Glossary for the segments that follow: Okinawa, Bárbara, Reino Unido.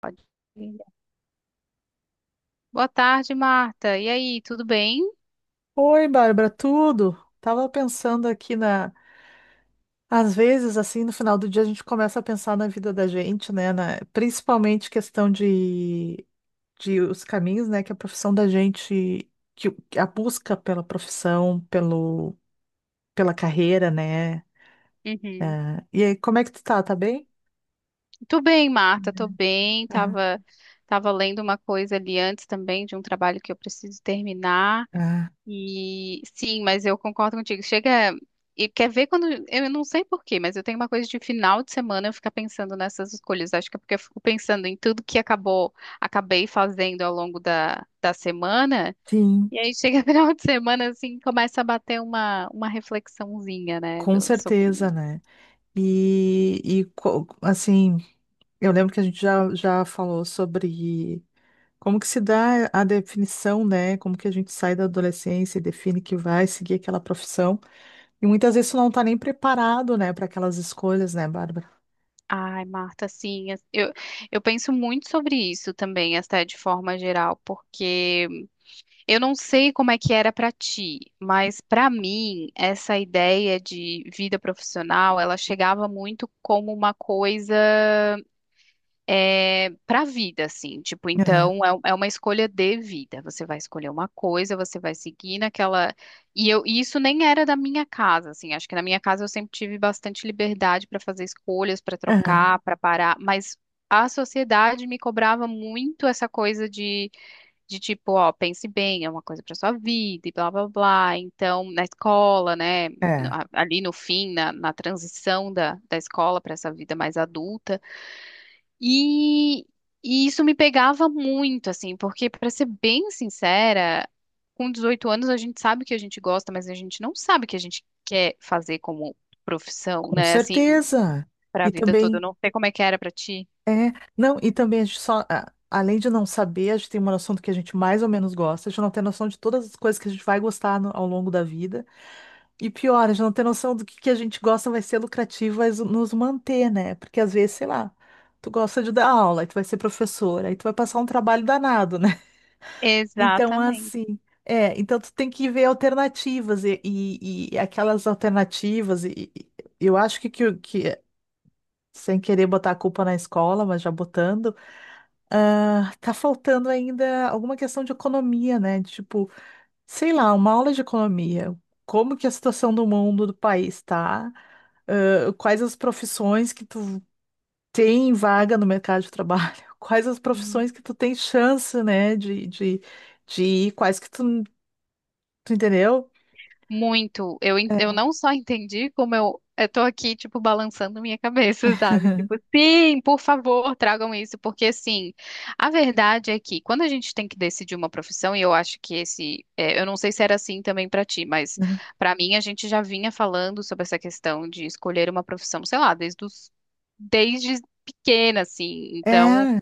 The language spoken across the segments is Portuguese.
Pode ir. Boa tarde, Marta. E aí, tudo bem? Oi, Bárbara, tudo? Tava pensando aqui na. Às vezes, assim, no final do dia, a gente começa a pensar na vida da gente, né? Principalmente questão de, de os caminhos, né? Que a profissão da gente, que a busca pela profissão, pela carreira, né? Uhum. É, e aí, como é que tu tá? Tá bem? Tô bem, Marta, tô bem. Aham. Tava lendo uma coisa ali antes também de um trabalho que eu preciso terminar. Ah, E sim, mas eu concordo contigo. Chega e quer ver quando eu não sei por quê, mas eu tenho uma coisa de final de semana eu ficar pensando nessas escolhas. Acho que é porque eu fico pensando em tudo que acabou, acabei fazendo ao longo da semana. sim, E aí chega final de semana, assim, começa a bater uma reflexãozinha, né, com certeza, sobre... né? Assim, eu lembro que a gente já falou sobre. Como que se dá a definição, né? Como que a gente sai da adolescência e define que vai seguir aquela profissão? E muitas vezes tu não tá nem preparado, né, para aquelas escolhas, né, Bárbara? Ai, Marta, assim, eu penso muito sobre isso também, até de forma geral, porque eu não sei como é que era pra ti, mas pra mim, essa ideia de vida profissional, ela chegava muito como uma coisa é, para a vida, assim, tipo, Aham, então é, é uma escolha de vida. Você vai escolher uma coisa, você vai seguir naquela. E isso nem era da minha casa, assim, acho que na minha casa eu sempre tive bastante liberdade para fazer escolhas, para aham, trocar, para parar, mas a sociedade me cobrava muito essa coisa de tipo, ó, pense bem, é uma coisa para sua vida e blá blá blá. Então, na escola, né, é, ali no fim, na transição da escola para essa vida mais adulta. E, e isso me pegava muito, assim, porque, para ser bem sincera, com 18 anos a gente sabe o que a gente gosta, mas a gente não sabe o que a gente quer fazer como profissão, com né? Assim, certeza. para a E vida toda. também, Eu não sei como é que era para ti. é, não, e também a gente só, além de não saber, a gente tem uma noção do que a gente mais ou menos gosta, a gente não tem noção de todas as coisas que a gente vai gostar ao longo da vida. E pior, a gente não tem noção do que a gente gosta vai ser lucrativo, vai nos manter, né? Porque às vezes, sei lá, tu gosta de dar aula, aí tu vai ser professora, aí tu vai passar um trabalho danado, né? Então, Exatamente. assim, então tu tem que ver alternativas e aquelas alternativas, eu acho que, sem querer botar a culpa na escola, mas já botando, tá faltando ainda alguma questão de economia, né? De, tipo, sei lá, uma aula de economia. Como que é a situação do mundo, do país tá? Quais as profissões que tu tem vaga no mercado de trabalho? Quais as profissões que tu tem chance, né, de ir? Quais que tu entendeu? Muito. Eu não só entendi, como eu tô aqui, tipo, balançando minha cabeça, sabe? Tipo, sim, por favor, tragam isso, porque assim, a verdade é que quando a gente tem que decidir uma profissão, e eu acho que esse, é, eu não sei se era assim também pra ti, mas Uhum. pra mim a gente já vinha falando sobre essa questão de escolher uma profissão, sei lá, desde pequena, assim. Então, É,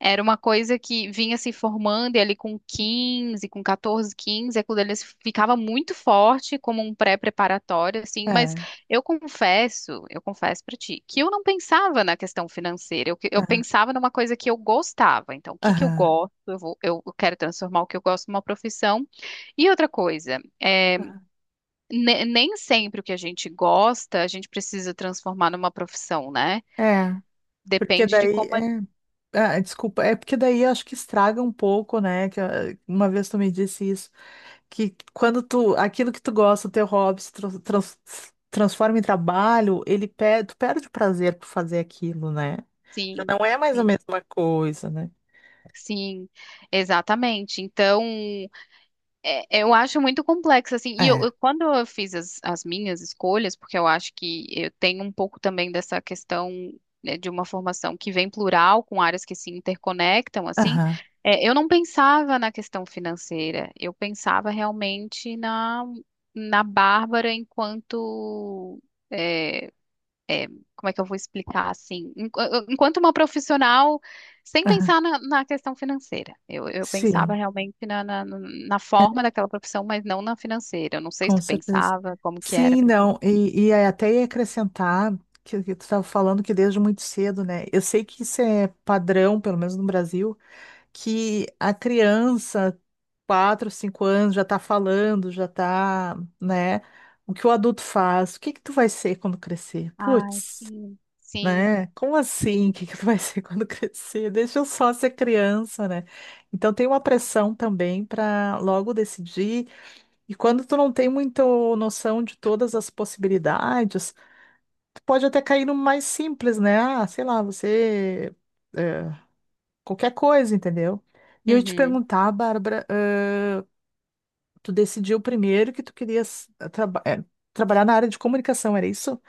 era uma coisa que vinha se formando e ali com 14, 15 aquilo ali ficava muito forte como um pré-preparatório, assim, mas é, eu confesso pra ti, que eu não pensava na questão financeira, eu é, pensava numa coisa que eu gostava, então o que que eu aham, gosto, eu vou, eu quero transformar o que eu gosto numa profissão, e outra coisa, aham. Nem sempre o que a gente gosta, a gente precisa transformar numa profissão, né? É. Porque Depende de daí, como, é, ah, desculpa, é porque daí eu acho que estraga um pouco, né? Que ah, uma vez tu me disse isso. Que quando tu, aquilo que tu gosta, o teu hobby se transforma em trabalho, ele perde, tu perde o prazer por fazer aquilo, né? Já sim, não é mais a sim. mesma coisa, né? Sim, exatamente. Então, eu acho muito complexo, assim, e É. Quando eu fiz as minhas escolhas, porque eu acho que eu tenho um pouco também dessa questão, né, de uma formação que vem plural, com áreas que se interconectam, assim, Aham, é, eu não pensava na questão financeira, eu pensava realmente na, na Bárbara enquanto. É, é, como é que eu vou explicar assim? Enquanto uma profissional, sem aham. pensar na questão financeira. Eu pensava Sim, realmente na forma daquela profissão, mas não na financeira. Eu não sei se com tu certeza. pensava, como que era Sim, para ti. não, e aí até ia acrescentar que tu estava falando que desde muito cedo, né? Eu sei que isso é padrão, pelo menos no Brasil, que a criança quatro, cinco anos, já tá falando, já tá, né? O que o adulto faz? O que que tu vai ser quando crescer? Ai, Putz, sim, sim, né? Como assim? O sim. que que tu vai ser quando crescer? Deixa eu só ser criança, né? Então tem uma pressão também para logo decidir. E quando tu não tem muita noção de todas as possibilidades, tu pode até cair no mais simples, né? Ah, sei lá, você é, qualquer coisa, entendeu? E eu ia te Uhum. perguntar, Bárbara, tu decidiu primeiro que tu querias trabalhar na área de comunicação, era isso?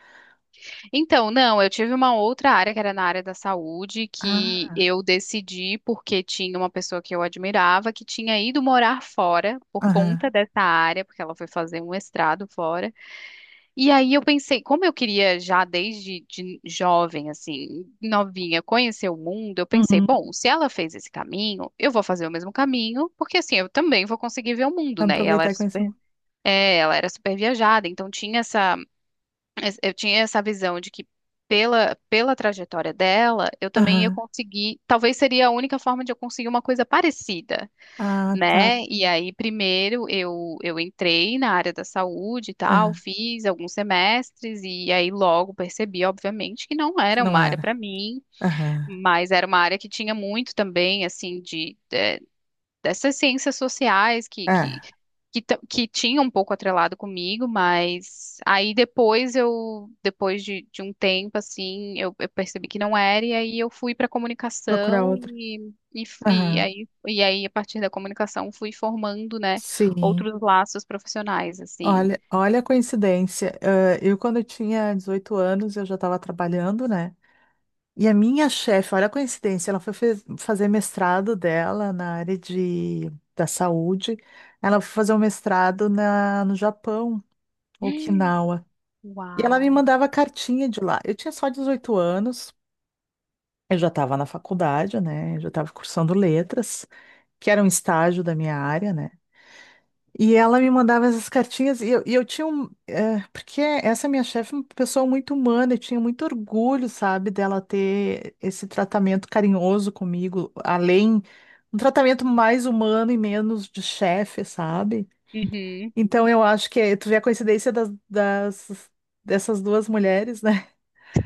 Então, não, eu tive uma outra área que era na área da saúde, que Ah, eu decidi porque tinha uma pessoa que eu admirava que tinha ido morar fora por aham. conta dessa área, porque ela foi fazer um mestrado fora. E aí eu pensei, como eu queria já desde de jovem, assim, novinha, conhecer o mundo, eu pensei, Uhum. bom, se ela fez esse caminho, eu vou fazer o mesmo caminho, porque assim, eu também vou conseguir ver o mundo, né? E ela Aproveitar era e conhecer. super, é, ela era super viajada, então tinha essa, eu tinha essa visão de que pela trajetória dela, eu também ia Aham. conseguir, talvez seria a única forma de eu conseguir uma coisa parecida Ah, tá. né? E aí, primeiro, eu entrei na área da saúde e tal, Aham. fiz alguns semestres, e aí logo percebi, obviamente, que não Que era não uma área era. para mim, Aham. mas era uma área que tinha muito também, assim, de, é, dessas ciências sociais que, que, É, que, ta- que tinha um pouco atrelado comigo, mas aí depois eu, depois de um tempo, assim, eu percebi que não era, e aí eu fui para procurar comunicação outro. e, e, f- e Aham. aí, e aí, a partir da comunicação, fui formando, né, Sim. outros laços profissionais, assim. Olha, olha a coincidência. Ah, quando eu tinha 18 anos, eu já estava trabalhando, né? E a minha chefe, olha a coincidência, ela foi fazer mestrado dela na área da saúde. Ela foi fazer um mestrado no Japão. Okinawa. E ela me Uau! mandava cartinha de lá. Eu tinha só 18 anos, eu já estava na faculdade, né? Eu já estava cursando letras, que era um estágio da minha área, né? E ela me mandava essas cartinhas e eu tinha porque essa minha chefe é uma pessoa muito humana, eu tinha muito orgulho, sabe, dela ter esse tratamento carinhoso comigo, além. Um tratamento mais humano e menos de chefe, sabe? Uhum. Então eu acho que tu vê a coincidência dessas duas mulheres, né?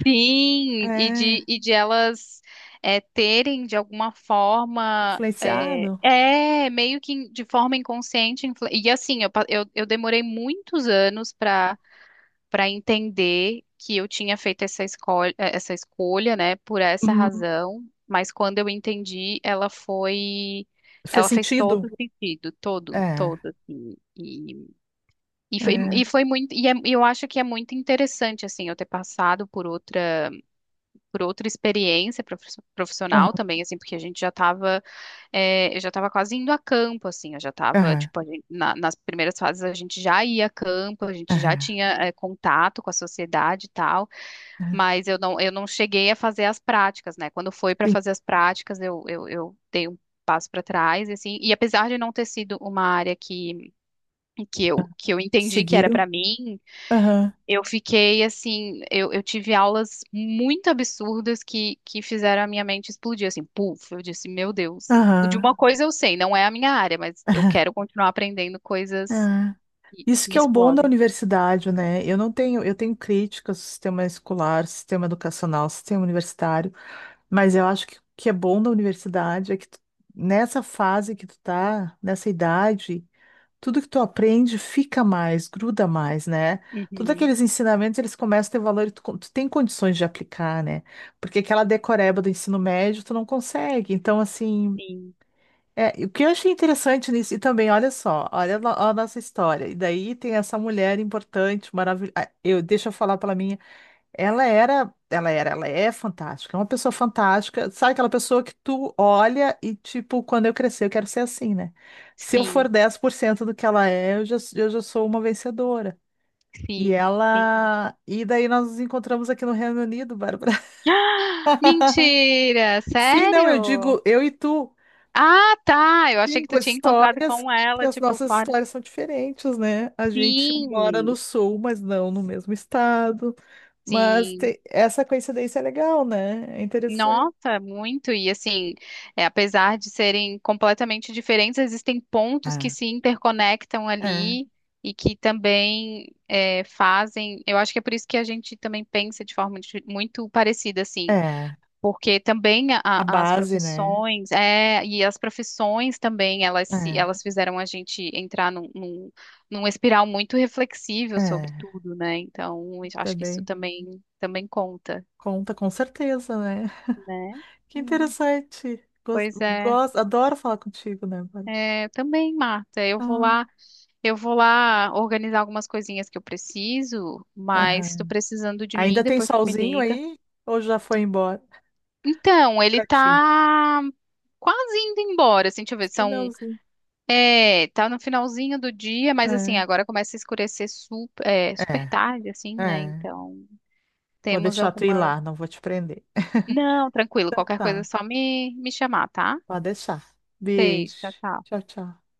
Sim, É, e de elas é, terem de alguma forma. É, influenciado. é, meio que de forma inconsciente. E assim, eu demorei muitos anos para para entender que eu tinha feito essa escolha, né, por essa Uhum. razão. Mas quando eu entendi, ela foi. Fez Ela fez sentido. todo sentido, todo, É, todo. Assim. É. E foi muito. E eu acho que é muito interessante, assim, eu ter passado por outra experiência profissional Aham, também, assim, porque a gente já estava, eu já estava quase indo a campo, assim, eu já estava, aham, tipo, nas primeiras fases a gente já ia a campo, a gente já aham, tinha, contato com a sociedade e tal, aham. mas eu não cheguei a fazer as práticas, né? Quando foi para Sim. fazer as práticas, eu dei um passo para trás, e assim, e apesar de não ter sido uma área que eu entendi que era Seguiu. para mim, Aham, eu fiquei assim, eu tive aulas muito absurdas que fizeram a minha mente explodir, assim, puf, eu disse, meu Deus. De aham. uma coisa eu sei, não é a minha área, mas eu quero continuar aprendendo coisas Ah, que, isso que que me é o bom da explodem. universidade, né? Eu não tenho, eu tenho críticas ao sistema escolar, sistema educacional, sistema universitário, mas eu acho que o que é bom da universidade é que nessa fase que tu tá, nessa idade, tudo que tu aprende fica mais, gruda mais, né? Todos Uhum, aqueles ensinamentos, eles começam a ter valor e tu tem condições de aplicar, né? Porque aquela decoreba do ensino médio, tu não consegue. Então, assim, sim, e o que eu achei interessante nisso, e também, olha só, olha a no- a nossa história. E daí tem essa mulher importante, maravilhosa. Deixa eu falar pela minha. Ela é fantástica, é uma pessoa fantástica. Sabe aquela pessoa que tu olha e, tipo, quando eu crescer, eu quero ser assim, né? Se eu sim, for 10% do que ela é, eu já sou uma vencedora. E sim, sim. ela. E daí nós nos encontramos aqui no Reino Unido, Bárbara. Ah, mentira, Sim, não, eu sério? digo eu e tu. Ah, tá, eu achei que Cinco tu tinha encontrado histórias, com que ela, as tipo, nossas fora. histórias são diferentes, né? A gente mora no Sim, sul, mas não no mesmo estado. Mas sim. Essa coincidência é legal, né? É interessante. Nossa, muito. E assim, é, apesar de serem completamente diferentes, existem pontos que É, se interconectam é, ali e que também é, fazem. Eu acho que é por isso que a gente também pensa de forma muito parecida, assim, é. porque também A as base, né? profissões, é, e as profissões também, elas, É, elas fizeram a gente entrar num espiral muito reflexível sobre é. tudo, né? Então, eu acho que isso Também também, também conta, conta com certeza, né? né? Que interessante. Pois Gosto, é, gosto, adoro falar contigo, né, Bárbara? é, também, Marta. Ah, Eu vou lá organizar algumas coisinhas que eu preciso, mas estou aham. precisando de mim Ainda tem depois tu me solzinho liga. aí? Ou já foi embora? Então, ele Pra ti. tá quase indo embora, assim, deixa eu ver, são, Finalzinho. é, tá no finalzinho do dia, mas assim, É, agora começa a escurecer super, é, super é, tarde, assim, né? é. Então, Vou temos deixar tu ir alguma... lá, não vou te prender. Não, tranquilo, Então qualquer coisa é tá, só me chamar, tá? pode deixar. Um Beijo. beijo, tchau, tchau. Tchau, tchau.